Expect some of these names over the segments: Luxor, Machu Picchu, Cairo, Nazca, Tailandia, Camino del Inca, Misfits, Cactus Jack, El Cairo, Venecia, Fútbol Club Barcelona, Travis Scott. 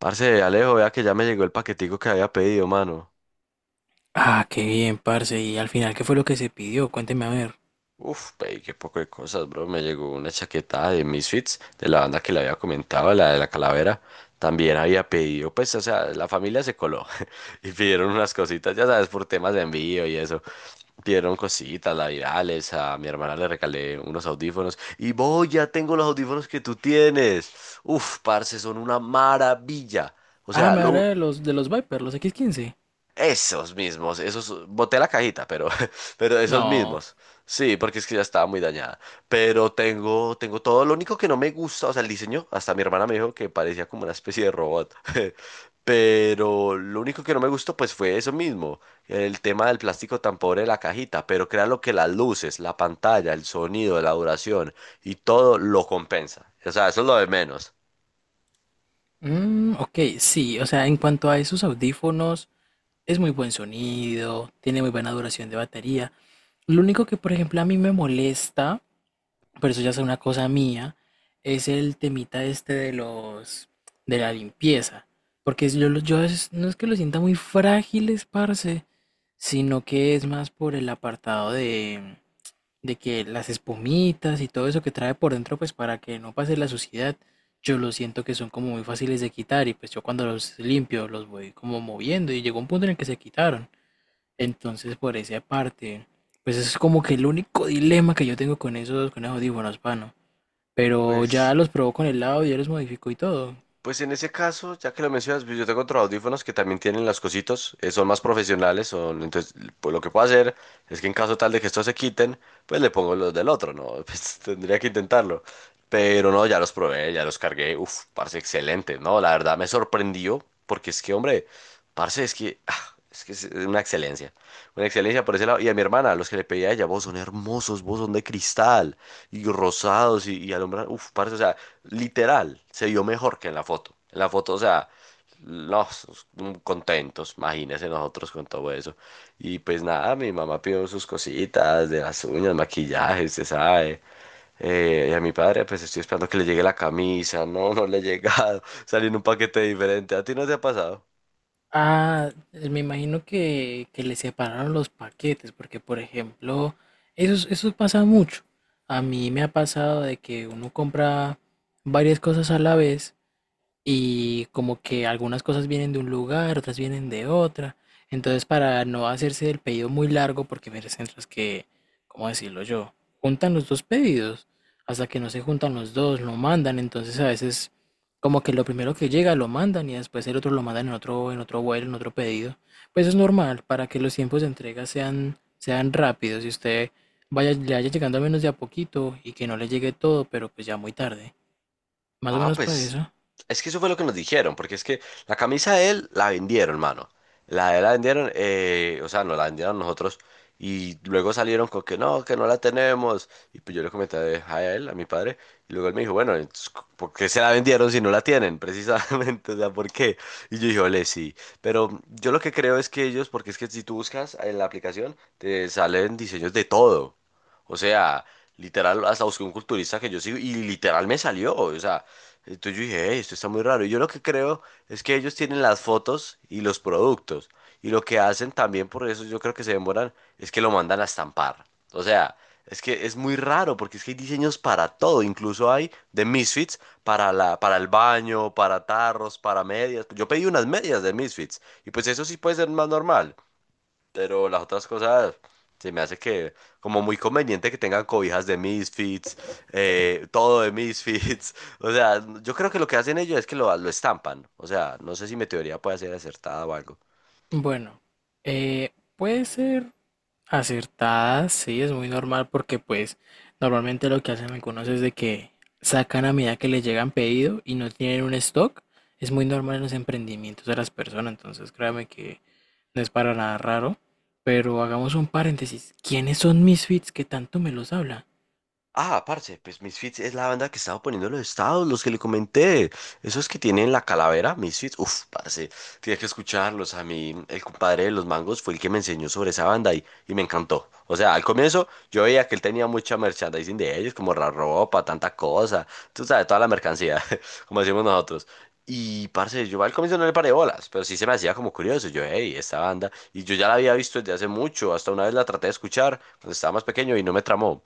Parce, Alejo, vea que ya me llegó el paquetico que había pedido, mano. Ah, qué bien, parce. ¿Y al final qué fue lo que se pidió? Cuénteme a ver. Uf, pedí qué poco de cosas, bro. Me llegó una chaqueta de Misfits, de la banda que le había comentado, la de la calavera. También había pedido, pues, o sea, la familia se coló y pidieron unas cositas, ya sabes, por temas de envío y eso. Pidieron cositas, la virales, a mi hermana le regalé unos audífonos. Y voy, ya tengo los audífonos que tú tienes. Uf, parce, son una maravilla. O Ah, sea, me habla lo, de los Viper, los X15? esos mismos, esos, boté la cajita, pero, pero esos No. mismos. Sí, porque es que ya estaba muy dañada. Pero tengo, tengo todo. Lo único que no me gusta, o sea, el diseño, hasta mi hermana me dijo que parecía como una especie de robot. Pero lo único que no me gustó, pues fue eso mismo. El tema del plástico tan pobre de la cajita. Pero créanlo que las luces, la pantalla, el sonido, la duración y todo lo compensa. O sea, eso es lo de menos. Ok, sí. O sea, en cuanto a esos audífonos, es muy buen sonido, tiene muy buena duración de batería. Lo único que, por ejemplo, a mí me molesta, pero eso ya es una cosa mía, es el temita este de de la limpieza. Yo, no es que los sienta muy frágiles, parce, sino que es más por el apartado de que las espumitas y todo eso que trae por dentro, pues para que no pase la suciedad, yo lo siento que son como muy fáciles de quitar y pues yo cuando los limpio los voy como moviendo y llegó un punto en el que se quitaron. Entonces por esa parte, pues eso es como que el único dilema que yo tengo con esos audífonos, mano. Pero ya Pues los probó con el lado, ya los modificó y todo. Pues en ese caso, ya que lo mencionas, pues yo tengo otros audífonos que también tienen las cositas, son más profesionales, son, entonces pues lo que puedo hacer es que en caso tal de que estos se quiten, pues le pongo los del otro, ¿no? Pues tendría que intentarlo. Pero no, ya los probé, ya los cargué, uf, parce, excelente, ¿no? La verdad me sorprendió, porque es que, hombre, parce, es que, es que es una excelencia por ese lado. Y a mi hermana, los que le pedí a ella, vos son hermosos, vos son de cristal y rosados y alumbrar. Uf, parce, o sea, literal, se vio mejor que en la foto. En la foto, o sea, los contentos, imagínense nosotros con todo eso. Y pues nada, mi mamá pidió sus cositas de las uñas, maquillaje, se sabe. Y a mi padre, pues estoy esperando que le llegue la camisa. No, no le he llegado. Salió en un paquete diferente. ¿A ti no te ha pasado? Ah, me imagino que le separaron los paquetes, porque por ejemplo, eso, eso pasa mucho. A mí me ha pasado de que uno compra varias cosas a la vez y como que algunas cosas vienen de un lugar, otras vienen de otra. Entonces, para no hacerse el pedido muy largo, porque hay centros que, ¿cómo decirlo yo? Juntan los dos pedidos, hasta que no se juntan los dos, lo mandan, entonces a veces como que lo primero que llega lo mandan y después el otro lo mandan en otro vuelo, en otro pedido. Pues es normal, para que los tiempos de entrega sean rápidos y usted le vaya llegando al menos de a poquito y que no le llegue todo, pero pues ya muy tarde. Más o Ah, menos para pues eso. es que eso fue lo que nos dijeron, porque es que la camisa de él la vendieron, mano. La de él la vendieron, o sea, no la vendieron nosotros y luego salieron con que no la tenemos. Y pues yo le comenté a él, a mi padre, y luego él me dijo, bueno, entonces, ¿por qué se la vendieron si no la tienen? Precisamente, o sea, ¿por qué? Y yo dije, ole, sí. Pero yo lo que creo es que ellos, porque es que si tú buscas en la aplicación, te salen diseños de todo. O sea, literal, hasta busqué un culturista que yo sigo y literal me salió, o sea. Entonces yo dije, "Ey, esto está muy raro. Y yo lo que creo es que ellos tienen las fotos y los productos. Y lo que hacen también, por eso yo creo que se demoran, es que lo mandan a estampar. O sea, es que es muy raro porque es que hay diseños para todo. Incluso hay de Misfits para la, para el baño, para tarros, para medias. Yo pedí unas medias de Misfits. Y pues eso sí puede ser más normal. Pero las otras cosas se me hace que como muy conveniente que tengan cobijas de Misfits, todo de Misfits. O sea, yo creo que lo que hacen ellos es que lo estampan. O sea, no sé si mi teoría puede ser acertada o algo. Bueno, puede ser acertada, sí, es muy normal porque pues normalmente lo que hacen algunos es de que sacan a medida que les llegan pedido y no tienen un stock. Es muy normal en los emprendimientos de las personas, entonces créame que no es para nada raro. Pero hagamos un paréntesis. ¿Quiénes son Misfits que tanto me los habla? Ah, parce, pues Misfits es la banda que estaba poniendo en los estados, los que le comenté. Esos que tienen la calavera, Misfits. Uf, parce, tienes que escucharlos. A mí, el compadre de los mangos fue el que me enseñó sobre esa banda y me encantó. O sea, al comienzo yo veía que él tenía mucha merchandising de ellos, como la ropa, tanta cosa. Tú sabes, toda la mercancía, como decimos nosotros. Y, parce, yo al comienzo no le paré bolas, pero sí se me hacía como curioso. Yo, hey, esta banda. Y yo ya la había visto desde hace mucho. Hasta una vez la traté de escuchar cuando estaba más pequeño y no me tramó.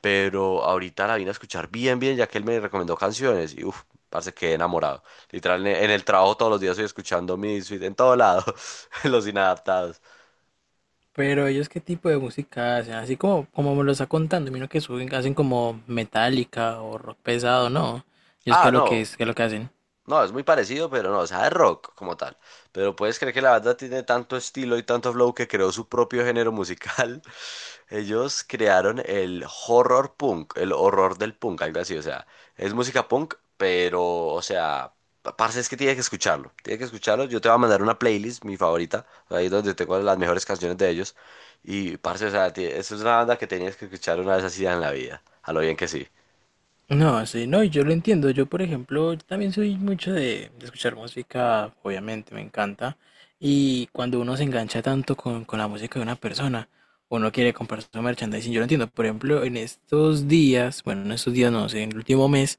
Pero ahorita la vine a escuchar bien, bien, ya que él me recomendó canciones y uff, parce, quedé enamorado. Literal, en el trabajo todos los días estoy escuchando Misfits, en todo lado, los inadaptados. Pero ellos qué tipo de música hacen, así como me lo está contando. Mira que suben, hacen como metálica o rock pesado, ¿no? Ellos qué Ah, es lo que no, es, qué es lo que hacen. no, es muy parecido, pero no, o sea, es rock como tal. Pero puedes creer que la banda tiene tanto estilo y tanto flow que creó su propio género musical. Ellos crearon el horror punk, el horror del punk, algo así, o sea, es música punk, pero, o sea, parce, es que tienes que escucharlo, yo te voy a mandar una playlist, mi favorita, ahí donde tengo las mejores canciones de ellos, y parce, o sea, eso es una banda que tenías que escuchar una vez así en la vida, a lo bien que sí. No, sí, no, y yo lo entiendo. Yo, por ejemplo, también soy mucho de escuchar música, obviamente, me encanta. Y cuando uno se engancha tanto con la música de una persona, uno quiere comprar su merchandising. Yo lo entiendo. Por ejemplo, en estos días, bueno, en estos días no sé, en el último mes,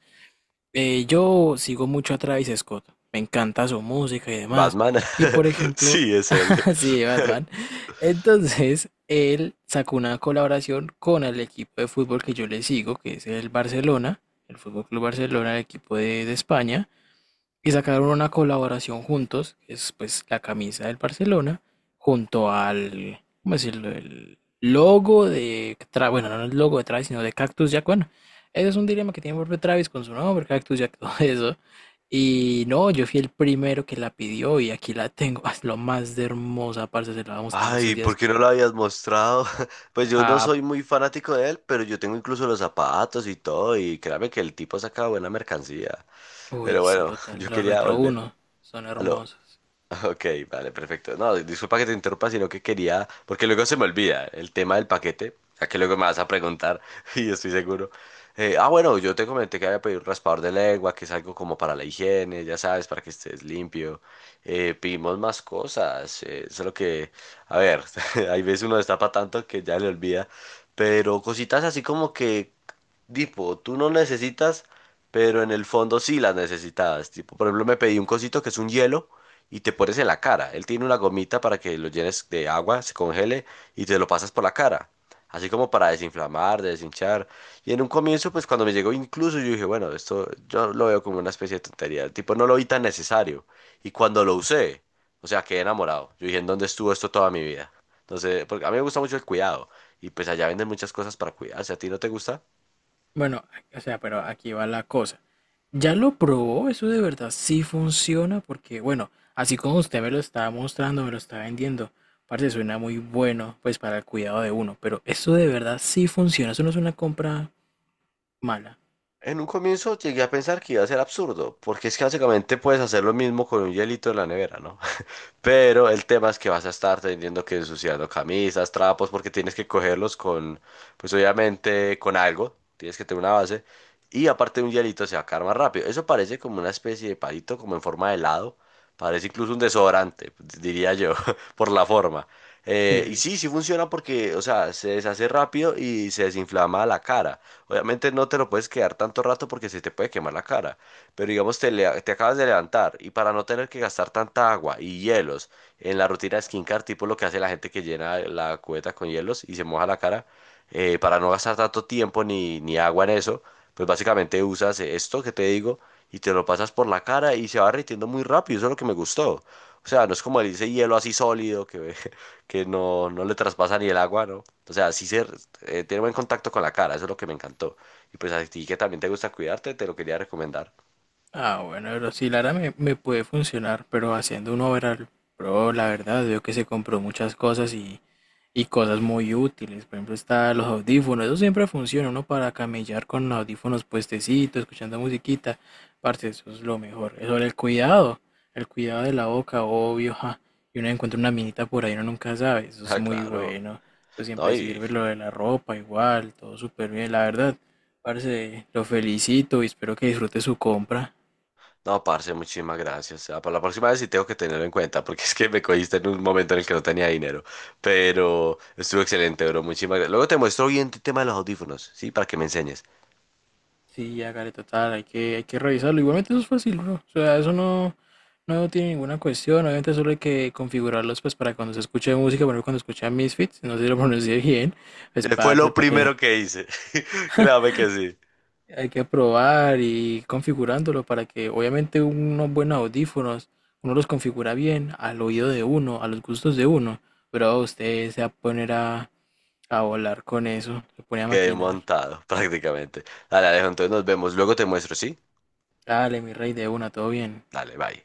yo sigo mucho a Travis Scott. Me encanta su música y demás. Batman, Y, por ejemplo, sí, es él. sí, Batman. Entonces, él sacó una colaboración con el equipo de fútbol que yo le sigo, que es el Barcelona, el Fútbol Club Barcelona, el equipo de España. Y sacaron una colaboración juntos, que es pues la camisa del Barcelona, junto al, ¿cómo decirlo? El logo de, bueno, no el logo de Travis, sino de Cactus Jack. Bueno, ese es un dilema que tiene el propio Travis con su nombre, Cactus Jack, todo eso. Y no, yo fui el primero que la pidió y aquí la tengo. Es lo más de hermosa, parce, se la vamos a dar en Ay, estos ¿por días. qué no lo habías mostrado? Pues yo no Ah, soy muy fanático de él, pero yo tengo incluso los zapatos y todo, y créame que el tipo saca buena mercancía. uy, Pero sí, bueno, total, yo los quería Retro volver uno son a lo hermosos. Ok, vale, perfecto. No, disculpa que te interrumpa, sino que quería, porque luego se me olvida el tema del paquete, ya que luego me vas a preguntar y estoy seguro. Bueno, yo te comenté que había pedido un raspador de lengua, que es algo como para la higiene, ya sabes, para que estés limpio. Pedimos más cosas, solo que, a ver, hay veces uno destapa tanto que ya le olvida, pero cositas así como que, tipo, tú no necesitas pero en el fondo sí las necesitabas. Tipo, por ejemplo, me pedí un cosito que es un hielo y te pones en la cara. Él tiene una gomita para que lo llenes de agua, se congele y te lo pasas por la cara. Así como para desinflamar, deshinchar. Y en un comienzo, pues cuando me llegó incluso, yo dije, bueno, esto yo lo veo como una especie de tontería. Tipo, no lo vi tan necesario. Y cuando lo usé, o sea, quedé enamorado. Yo dije, ¿en dónde estuvo esto toda mi vida? Entonces, porque a mí me gusta mucho el cuidado. Y pues allá venden muchas cosas para cuidarse. ¿A ti no te gusta? Bueno, o sea, pero aquí va la cosa. ¿Ya lo probó? ¿Eso de verdad sí funciona? Porque, bueno, así como usted me lo está mostrando, me lo está vendiendo, parece suena muy bueno, pues para el cuidado de uno, pero eso de verdad sí funciona, eso no es una compra mala. En un comienzo llegué a pensar que iba a ser absurdo, porque es que básicamente puedes hacer lo mismo con un hielito en la nevera, ¿no? Pero el tema es que vas a estar teniendo que ensuciando camisas, trapos, porque tienes que cogerlos con, pues obviamente con algo, tienes que tener una base. Y aparte de un hielito se va a caer más rápido. Eso parece como una especie de palito, como en forma de helado. Parece incluso un desodorante, diría yo, por la forma. Y Sí. sí, sí funciona porque, o sea, se deshace rápido y se desinflama la cara. Obviamente no te lo puedes quedar tanto rato porque se te puede quemar la cara. Pero digamos, te, te acabas de levantar y para no tener que gastar tanta agua y hielos en la rutina de skincare, tipo lo que hace la gente que llena la cubeta con hielos y se moja la cara, para no gastar tanto tiempo ni agua en eso, pues básicamente usas esto que te digo y te lo pasas por la cara y se va derritiendo muy rápido. Eso es lo que me gustó. O sea, no es como ese hielo así sólido que, que no, no le traspasa ni el agua, ¿no? O sea, sí se, tiene buen contacto con la cara, eso es lo que me encantó. Y pues a ti que también te gusta cuidarte, te lo quería recomendar. Ah, bueno, pero sí, Lara me, me puede funcionar, pero haciendo un overall, pero la verdad, veo que se compró muchas cosas y cosas muy útiles. Por ejemplo, está los audífonos. Eso siempre funciona, uno para camellar con audífonos puestecitos, escuchando musiquita. Parce, eso es lo mejor. Sobre el cuidado de la boca, obvio, ja. Y uno encuentra una minita por ahí, uno nunca sabe. Eso es Ah, muy claro. bueno. Eso No, siempre y sirve. Lo de la ropa, igual, todo súper bien. La verdad, parce, lo felicito y espero que disfrute su compra. no, parce, muchísimas gracias. Ah, para la próxima vez sí tengo que tenerlo en cuenta, porque es que me cogiste en un momento en el que no tenía dinero. Pero estuvo excelente, bro. Muchísimas gracias. Luego te muestro bien el tema de los audífonos, ¿sí? Para que me enseñes. Sí, hágale total, hay que revisarlo. Igualmente eso es fácil, bro. O sea, eso no, no tiene ninguna cuestión. Obviamente solo hay que configurarlos pues para cuando se escuche música, por ejemplo, cuando escucha Misfits, no sé si lo pronuncié bien, pues Fue parce, lo para que primero que hice. Créame que sí. hay que probar y ir configurándolo para que obviamente unos buenos audífonos, uno los configura bien al oído de uno, a los gustos de uno. Pero usted se va a poner a volar con eso, se pone a Quedé maquinar. montado, prácticamente. Dale, Alejo, entonces nos vemos. Luego te muestro, ¿sí? Dale, mi rey, de una, todo bien. Dale, bye.